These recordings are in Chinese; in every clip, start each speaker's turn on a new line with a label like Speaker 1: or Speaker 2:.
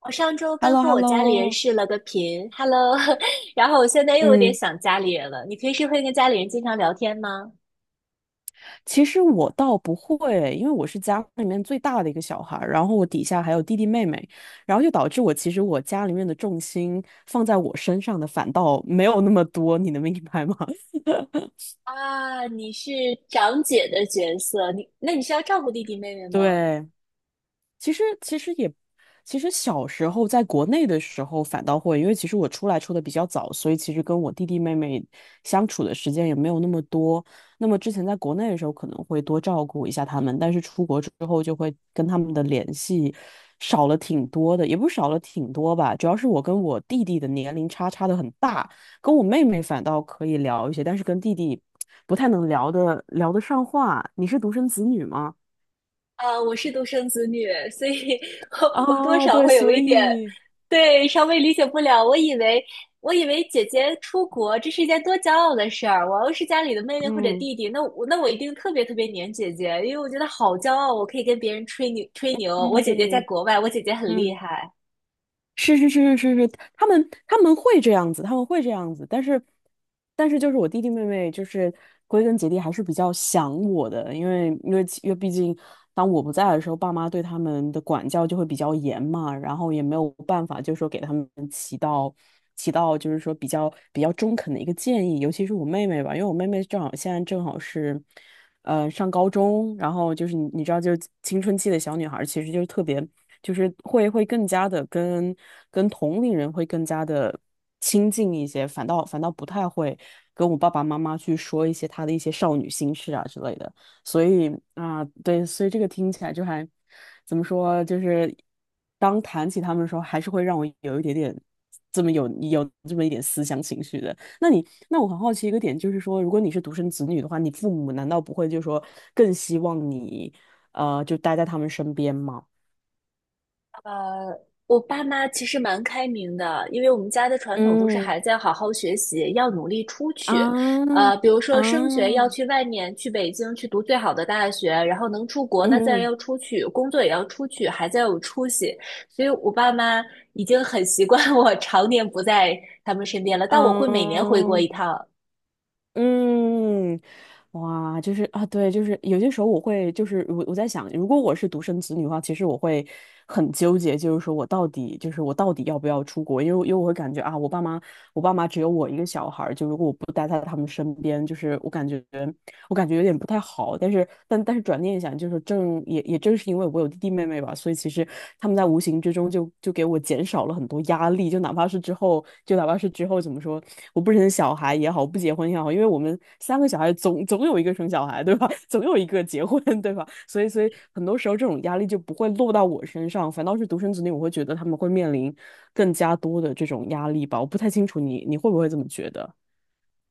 Speaker 1: 我上周
Speaker 2: h e l
Speaker 1: 刚
Speaker 2: l o
Speaker 1: 和
Speaker 2: h e l
Speaker 1: 我
Speaker 2: l o
Speaker 1: 家里人视了个频，Hello，然后我现在又有点
Speaker 2: 嗯，
Speaker 1: 想家里人了。你平时会跟家里人经常聊天吗？
Speaker 2: 其实我倒不会，因为我是家里面最大的一个小孩儿，然后我底下还有弟弟妹妹，然后就导致我其实我家里面的重心放在我身上的反倒没有那么多，你能明白吗？
Speaker 1: 啊，你是长姐的角色，那你是要照顾弟弟妹妹 吗？
Speaker 2: 对，其实其实也，其实小时候在国内的时候反倒会，因为其实我出来出的比较早，所以其实跟我弟弟妹妹相处的时间也没有那么多。那么之前在国内的时候可能会多照顾一下他们，但是出国之后就会跟他们的联系少了挺多的，也不是少了挺多吧，主要是我跟我弟弟的年龄差差的很大，跟我妹妹反倒可以聊一些，但是跟弟弟不太能聊得上话。你是独生子女吗？
Speaker 1: 啊，我是独生子女，所以 我多
Speaker 2: 啊，
Speaker 1: 少
Speaker 2: 对，
Speaker 1: 会有
Speaker 2: 所
Speaker 1: 一点，
Speaker 2: 以。
Speaker 1: 对，稍微理解不了。我以为姐姐出国这是一件多骄傲的事儿，我要是家里的妹妹或者
Speaker 2: 嗯
Speaker 1: 弟弟，那我一定特别特别黏姐姐，因为我觉得好骄傲，我可以跟别人吹牛吹牛，我姐姐在
Speaker 2: 嗯
Speaker 1: 国外，我姐姐很厉
Speaker 2: 嗯，
Speaker 1: 害。
Speaker 2: 是是是是是是，他们会这样子，他们会这样子，但是就是我弟弟妹妹，就是归根结底还是比较想我的，因为毕竟当我不在的时候，爸妈对他们的管教就会比较严嘛，然后也没有办法，就是说给他们起到就是说比较中肯的一个建议，尤其是我妹妹吧，因为我妹妹正好现在正好是。上高中，然后就是你知道，就是青春期的小女孩其实就是特别，就是会会更加的跟跟同龄人会更加的亲近一些，反倒不太会跟我爸爸妈妈去说一些她的一些少女心事啊之类的，所以啊，对，所以这个听起来就还怎么说，就是当谈起他们的时候，还是会让我有一点点这么有有这么一点思乡情绪的。那我很好奇一个点，就是说，如果你是独生子女的话，你父母难道不会就是说更希望你，就待在他们身边吗？
Speaker 1: 呃，我爸妈其实蛮开明的，因为我们家的传统都是
Speaker 2: 嗯
Speaker 1: 孩子要好好学习，要努力出
Speaker 2: 啊
Speaker 1: 去。比如
Speaker 2: 啊
Speaker 1: 说升学要去
Speaker 2: 啊
Speaker 1: 外面，去北京去读最好的大学，然后能出国，那自然
Speaker 2: 嗯。
Speaker 1: 要出去，工作也要出去，孩子要有出息。所以我爸妈已经很习惯 我常年不在他们身边了，但我会每年回国
Speaker 2: 啊。
Speaker 1: 一趟。
Speaker 2: 嗯，哇，就是啊，对，就是有些时候我会，就是我在想，如果我是独生子女的话，其实我会很纠结，就是说我到底，就是我到底要不要出国？因为我会感觉啊，我爸妈，我爸妈只有我一个小孩儿，就如果我不待在他们身边，就是我感觉。我感觉有点不太好，但是但是转念一想，就是正也也正是因为我有弟弟妹妹吧，所以其实他们在无形之中就给我减少了很多压力，就哪怕是之后怎么说，我不生小孩也好，不结婚也好，因为我们三个小孩总有一个生小孩，对吧？总有一个结婚，对吧？所以很多时候这种压力就不会落到我身上，反倒是独生子女，我会觉得他们会面临更加多的这种压力吧。我不太清楚你会不会这么觉得？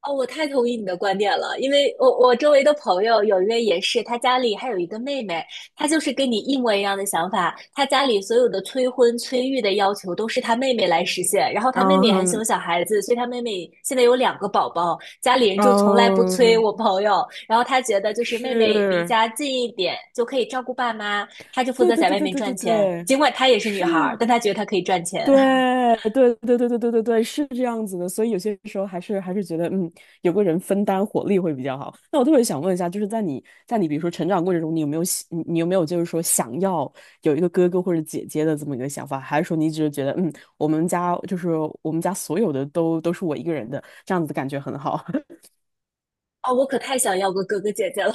Speaker 1: 哦，我太同意你的观点了，因为我周围的朋友有一位也是，他家里还有一个妹妹，她就是跟你一模一样的想法，她家里所有的催婚催育的要求都是她妹妹来实现，然后她妹妹也很喜
Speaker 2: 嗯
Speaker 1: 欢小孩子，所以她妹妹现在有两个宝宝，家里人就从来不催
Speaker 2: 嗯。
Speaker 1: 我朋友，然后她觉得就是妹妹离
Speaker 2: 是，
Speaker 1: 家近一点就可以照顾爸妈，她就负
Speaker 2: 对
Speaker 1: 责
Speaker 2: 对
Speaker 1: 在
Speaker 2: 对
Speaker 1: 外
Speaker 2: 对
Speaker 1: 面
Speaker 2: 对
Speaker 1: 赚
Speaker 2: 对
Speaker 1: 钱，
Speaker 2: 对，
Speaker 1: 尽管她也是女孩儿，
Speaker 2: 是，
Speaker 1: 但她觉得她可以赚钱。
Speaker 2: 对 对对对对对对对，是这样子的。所以有些时候还是觉得，有个人分担火力会比较好。那我特别想问一下，就是在你比如说成长过程中，你有没有就是说想要有一个哥哥或者姐姐的这么一个想法，还是说你只是觉得，我们家就是我们家所有的都是我一个人的，这样子的感觉很好。
Speaker 1: 哦，我可太想要个哥哥姐姐了。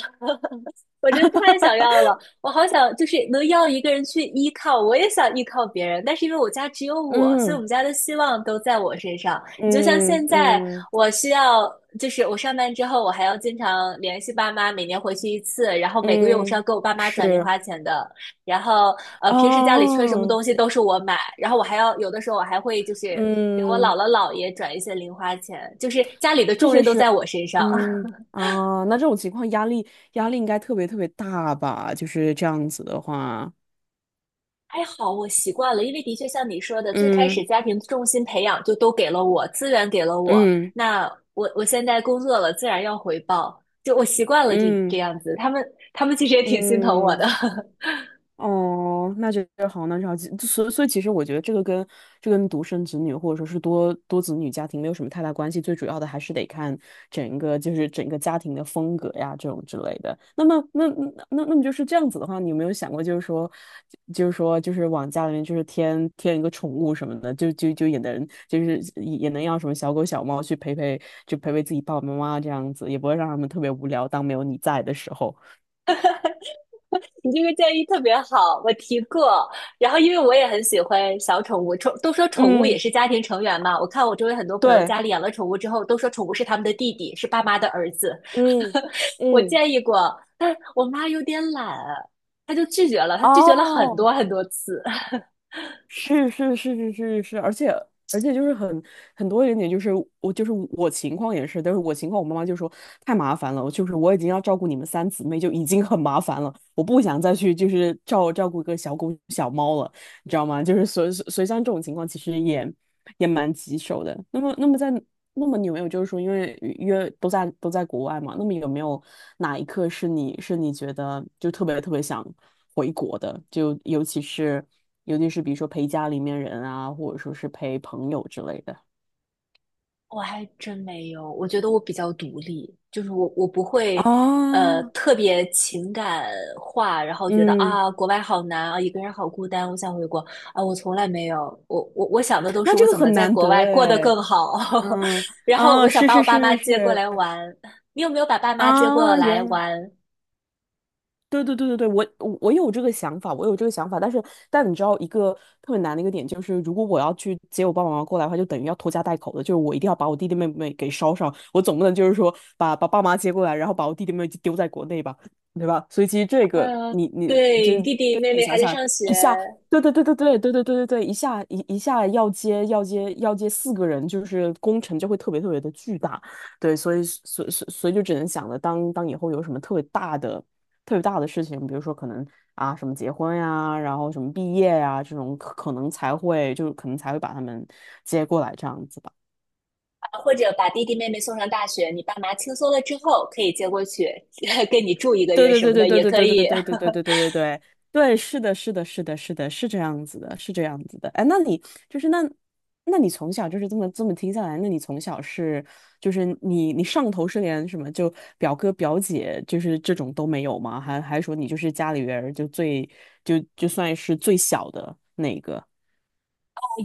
Speaker 1: 我真的太想要了，我好想就是能要一个人去依靠，我也想依靠别人，但是因为我家只有我，所以我
Speaker 2: 嗯
Speaker 1: 们家的希望都在我身上。你就像
Speaker 2: 嗯
Speaker 1: 现在，
Speaker 2: 嗯
Speaker 1: 我需要就是我上班之后，我还要经常联系爸妈，每年回去一次，然后每个月我是要
Speaker 2: 嗯，
Speaker 1: 给我爸妈转零
Speaker 2: 是。
Speaker 1: 花钱的，然后平时家里缺什么
Speaker 2: 哦，
Speaker 1: 东西都是我买，然后我还要有的时候我还会就是给我
Speaker 2: 嗯，
Speaker 1: 姥姥姥爷转一些零花钱，就是家里的
Speaker 2: 这
Speaker 1: 重
Speaker 2: 些
Speaker 1: 任都在
Speaker 2: 是，
Speaker 1: 我身上。
Speaker 2: 嗯啊，那这种情况压力应该特别特别大吧？就是这样子的话，
Speaker 1: 还好我习惯了，因为的确像你说的，最开
Speaker 2: 嗯
Speaker 1: 始家庭重心培养就都给了我，资源给了我，
Speaker 2: 嗯
Speaker 1: 那我现在工作了，自然要回报，就我习惯了这
Speaker 2: 嗯
Speaker 1: 样子，他们其实也挺心疼我
Speaker 2: 嗯，
Speaker 1: 的。
Speaker 2: 哦，那这个好，那就好，就所以其实我觉得这个跟这跟独生子女或者说是多子女家庭没有什么太大关系，最主要的还是得看整个家庭的风格呀这种之类的。那么那么就是这样子的话，你有没有想过就是往家里面就是添一个宠物什么的，就就就也能就是也能要什么小狗小猫去陪陪自己爸爸妈妈这样子，也不会让他们特别无聊，当没有你在的时候。
Speaker 1: 你这个建议特别好，我提过。然后因为我也很喜欢小宠物，都说宠物也
Speaker 2: 嗯，
Speaker 1: 是家庭成员嘛。我看我周围很多朋友
Speaker 2: 对。
Speaker 1: 家里养了宠物之后，都说宠物是他们的弟弟，是爸妈的儿子。
Speaker 2: 嗯
Speaker 1: 我
Speaker 2: 嗯。
Speaker 1: 建议过，但我妈有点懒，她就拒绝了，她拒绝了很
Speaker 2: 哦，
Speaker 1: 多很多次。
Speaker 2: 是是是是是是，而且就是很多一点点，就是我情况也是，但是我情况我妈妈就说太麻烦了，我就是我已经要照顾你们三姊妹就已经很麻烦了，我不想再去就是照顾一个小狗小猫了，你知道吗？就是所以像这种情况其实也蛮棘手的。那么那么在那么你有没有就是说，因为约都在国外嘛，那么有没有哪一刻是你觉得就特别特别想回国的？就尤其是比如说陪家里面人啊，或者说是陪朋友之类的。
Speaker 1: 我还真没有，我觉得我比较独立，就是我不会，
Speaker 2: 啊，
Speaker 1: 特别情感化，然后觉得
Speaker 2: 嗯，
Speaker 1: 啊，国外好难啊，一个人好孤单，我想回国啊，我从来没有，我想的都
Speaker 2: 那
Speaker 1: 是我
Speaker 2: 这个
Speaker 1: 怎么
Speaker 2: 很
Speaker 1: 在
Speaker 2: 难
Speaker 1: 国
Speaker 2: 得
Speaker 1: 外过得
Speaker 2: 哎，
Speaker 1: 更好，
Speaker 2: 嗯，
Speaker 1: 然后
Speaker 2: 啊，
Speaker 1: 我想
Speaker 2: 是
Speaker 1: 把我
Speaker 2: 是
Speaker 1: 爸妈
Speaker 2: 是是
Speaker 1: 接过
Speaker 2: 是，
Speaker 1: 来玩，你有没有把爸妈接过
Speaker 2: 啊，
Speaker 1: 来玩？
Speaker 2: 对对对对对，我有这个想法，我有这个想法，但是但你知道一个特别难的一个点就是，如果我要去接我爸爸妈妈过来的话，就等于要拖家带口的，就是我一定要把我弟弟妹妹给捎上，我总不能就是说把爸妈接过来，然后把我弟弟妹妹就丢在国内吧，对吧？所以其实这个
Speaker 1: 呃，
Speaker 2: 你就
Speaker 1: 对，
Speaker 2: 是
Speaker 1: 弟弟
Speaker 2: 对
Speaker 1: 妹
Speaker 2: 自己
Speaker 1: 妹还
Speaker 2: 想
Speaker 1: 在
Speaker 2: 想
Speaker 1: 上学，
Speaker 2: 一下，对对对对对对对对对对，一下要接四个人，就是工程就会特别特别的巨大，对，所以就只能想着当以后有什么特别大的。事情，比如说可能啊什么结婚呀，然后什么毕业呀这种可能才会把他们接过来这样子吧。
Speaker 1: 啊或者把弟弟妹妹送上大学，你爸妈轻松了之后可以接过去，跟你住一个
Speaker 2: 对
Speaker 1: 月
Speaker 2: 对
Speaker 1: 什
Speaker 2: 对
Speaker 1: 么
Speaker 2: 对
Speaker 1: 的
Speaker 2: 对
Speaker 1: 也
Speaker 2: 对
Speaker 1: 可
Speaker 2: 对对
Speaker 1: 以。
Speaker 2: 对对对对对对对对，是的，是的，是的，是的，是这样子的，是这样子的。哎，就是那，那你从小就是这么这么听下来，那你从小是就是你上头是连什么就表哥表姐就是这种都没有吗？还说你就是家里边儿就算是最小的那一个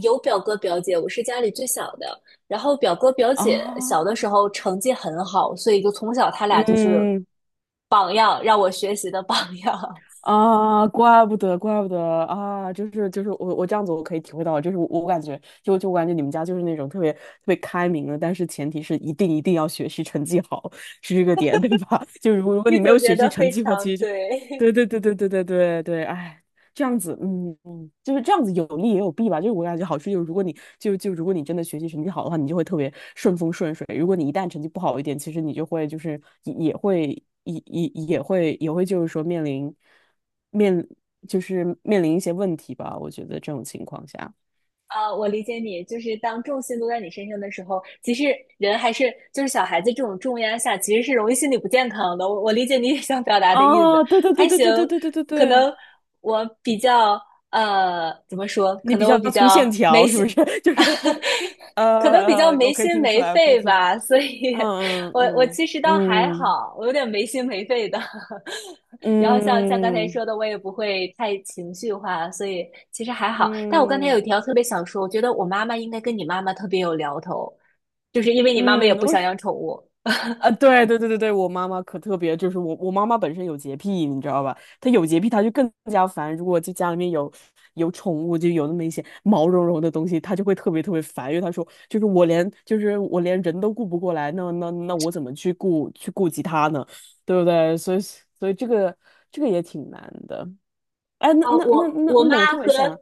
Speaker 1: 有表哥表姐，我是家里最小的。然后表哥表姐
Speaker 2: 啊？
Speaker 1: 小的时候成绩很好，所以就从小他俩就是
Speaker 2: 嗯
Speaker 1: 榜样，让我学习的榜样。
Speaker 2: 啊，怪不得，怪不得啊，就是我这样子我可以体会到，就是我感觉你们家就是那种特别特别开明的，但是前提是一定一定要学习成绩好，是这个点对吧？就如果如 果
Speaker 1: 你
Speaker 2: 你没有
Speaker 1: 总结
Speaker 2: 学习
Speaker 1: 的
Speaker 2: 成
Speaker 1: 非
Speaker 2: 绩的话，
Speaker 1: 常
Speaker 2: 其实就
Speaker 1: 对。
Speaker 2: 对对对对对对对对，哎，这样子，嗯嗯，就是这样子有利也有弊吧。就是我感觉好处就是，如果你就就如果你真的学习成绩好的话，你就会特别顺风顺水；如果你一旦成绩不好一点，其实你就会就是也会就是说面临面就是面临一些问题吧。我觉得这种情况下，
Speaker 1: 啊，我理解你，就是当重心都在你身上的时候，其实人还是就是小孩子这种重压下，其实是容易心理不健康的。我理解你也想表达的意思，
Speaker 2: 啊，对对对
Speaker 1: 还
Speaker 2: 对
Speaker 1: 行，
Speaker 2: 对对对对对
Speaker 1: 可
Speaker 2: 对，
Speaker 1: 能我比较怎么说，
Speaker 2: 你
Speaker 1: 可
Speaker 2: 比
Speaker 1: 能我
Speaker 2: 较
Speaker 1: 比
Speaker 2: 粗线
Speaker 1: 较没
Speaker 2: 条是
Speaker 1: 心。
Speaker 2: 不是？就 是
Speaker 1: 可能比较没
Speaker 2: 我可以
Speaker 1: 心
Speaker 2: 听出
Speaker 1: 没
Speaker 2: 来，我可以
Speaker 1: 肺
Speaker 2: 听，
Speaker 1: 吧，所以
Speaker 2: 嗯
Speaker 1: 我
Speaker 2: 嗯
Speaker 1: 其实倒还
Speaker 2: 嗯嗯
Speaker 1: 好，我有点没心没肺的。然后像刚才
Speaker 2: 嗯嗯。
Speaker 1: 说的，我也不会太情绪化，所以其实还好。但我刚才有
Speaker 2: 嗯
Speaker 1: 一条特别想说，我觉得我妈妈应该跟你妈妈特别有聊头，就是因为你妈妈也
Speaker 2: 嗯，
Speaker 1: 不想养宠物。
Speaker 2: 啊，对对对对对，我妈妈可特别，就是我妈妈本身有洁癖，你知道吧？她有洁癖，她就更加烦。如果就家里面有宠物，就有那么一些毛茸茸的东西，她就会特别特别烦，因为她说就是我连人都顾不过来，那我怎么去顾及它呢？对不对？所以这个也挺难的。哎，那
Speaker 1: 啊，
Speaker 2: 那那
Speaker 1: 我
Speaker 2: 那
Speaker 1: 我
Speaker 2: 那
Speaker 1: 妈
Speaker 2: 么我特别
Speaker 1: 和
Speaker 2: 想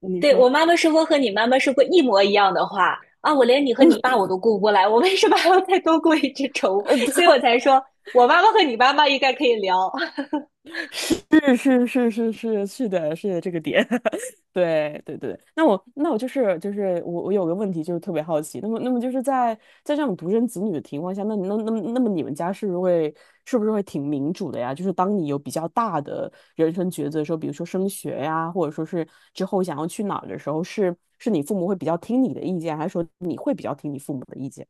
Speaker 2: 你
Speaker 1: 对
Speaker 2: 说，
Speaker 1: 我妈妈说过和你妈妈说过一模一样的话啊！我连你和你爸我都顾不过来，我为什么还要再多顾一只宠物？
Speaker 2: 对。
Speaker 1: 所以我才说我妈妈和你妈妈应该可以聊。
Speaker 2: 是是是是是是的，是的这个点，对对对。那我就是我有个问题，就是特别好奇。那么就是在这种独生子女的情况下，那你那那么那么你们家是不是会挺民主的呀？就是当你有比较大的人生抉择的时候，比如说升学呀，或者说是之后想要去哪儿的时候，是你父母会比较听你的意见，还是说你会比较听你父母的意见？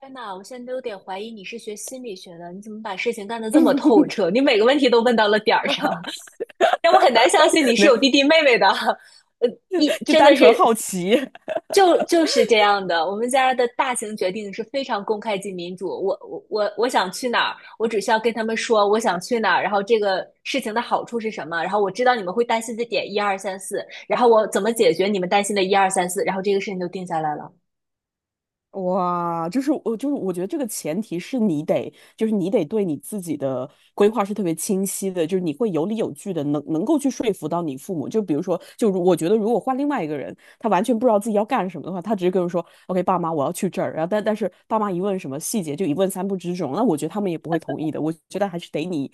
Speaker 1: 天呐，我现在都有点怀疑你是学心理学的，你怎么把事情干的这么透彻？你每个问题都问到了点儿上，让我很难相信你是
Speaker 2: 没有，
Speaker 1: 有弟弟妹妹的。呃，一
Speaker 2: 就
Speaker 1: 真
Speaker 2: 单
Speaker 1: 的是
Speaker 2: 纯好奇。
Speaker 1: 就是这样的，我们家的大型决定是非常公开及民主。我想去哪儿，我只需要跟他们说我想去哪儿，然后这个事情的好处是什么，然后我知道你们会担心的点一二三四，然后我怎么解决你们担心的一二三四，然后这个事情就定下来了。
Speaker 2: 哇，就是我觉得这个前提是你得，就是你得对你自己的规划是特别清晰的，就是你会有理有据的，能够去说服到你父母。就比如说，我觉得如果换另外一个人，他完全不知道自己要干什么的话，他直接跟我说："OK,爸妈，我要去这儿。"然后但是爸妈一问什么细节，就一问三不知这种，那我觉得他们也不会同意的。我觉得还是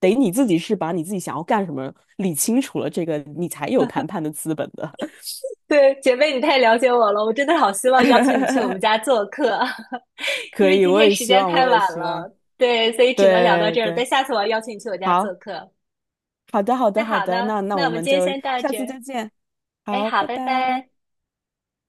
Speaker 2: 得你自己是把你自己想要干什么理清楚了，这个你才有谈判的资本的。
Speaker 1: 对，姐妹，你太了解我了，我真的好希望邀请你去我 们家做客，因
Speaker 2: 可
Speaker 1: 为
Speaker 2: 以，
Speaker 1: 今
Speaker 2: 我
Speaker 1: 天
Speaker 2: 也
Speaker 1: 时
Speaker 2: 希
Speaker 1: 间
Speaker 2: 望，
Speaker 1: 太
Speaker 2: 我也
Speaker 1: 晚
Speaker 2: 希望，
Speaker 1: 了，对，所以只能聊到
Speaker 2: 对
Speaker 1: 这儿了。但
Speaker 2: 对。
Speaker 1: 下次我要邀请你去我家做
Speaker 2: 好，
Speaker 1: 客。
Speaker 2: 好的，好
Speaker 1: 那
Speaker 2: 的，好
Speaker 1: 好
Speaker 2: 的，
Speaker 1: 呢，
Speaker 2: 那
Speaker 1: 那我
Speaker 2: 我
Speaker 1: 们
Speaker 2: 们
Speaker 1: 今天
Speaker 2: 就
Speaker 1: 先到
Speaker 2: 下
Speaker 1: 这
Speaker 2: 次
Speaker 1: 儿。
Speaker 2: 再见。
Speaker 1: 哎，
Speaker 2: 好，
Speaker 1: 好，
Speaker 2: 拜
Speaker 1: 拜
Speaker 2: 拜。
Speaker 1: 拜。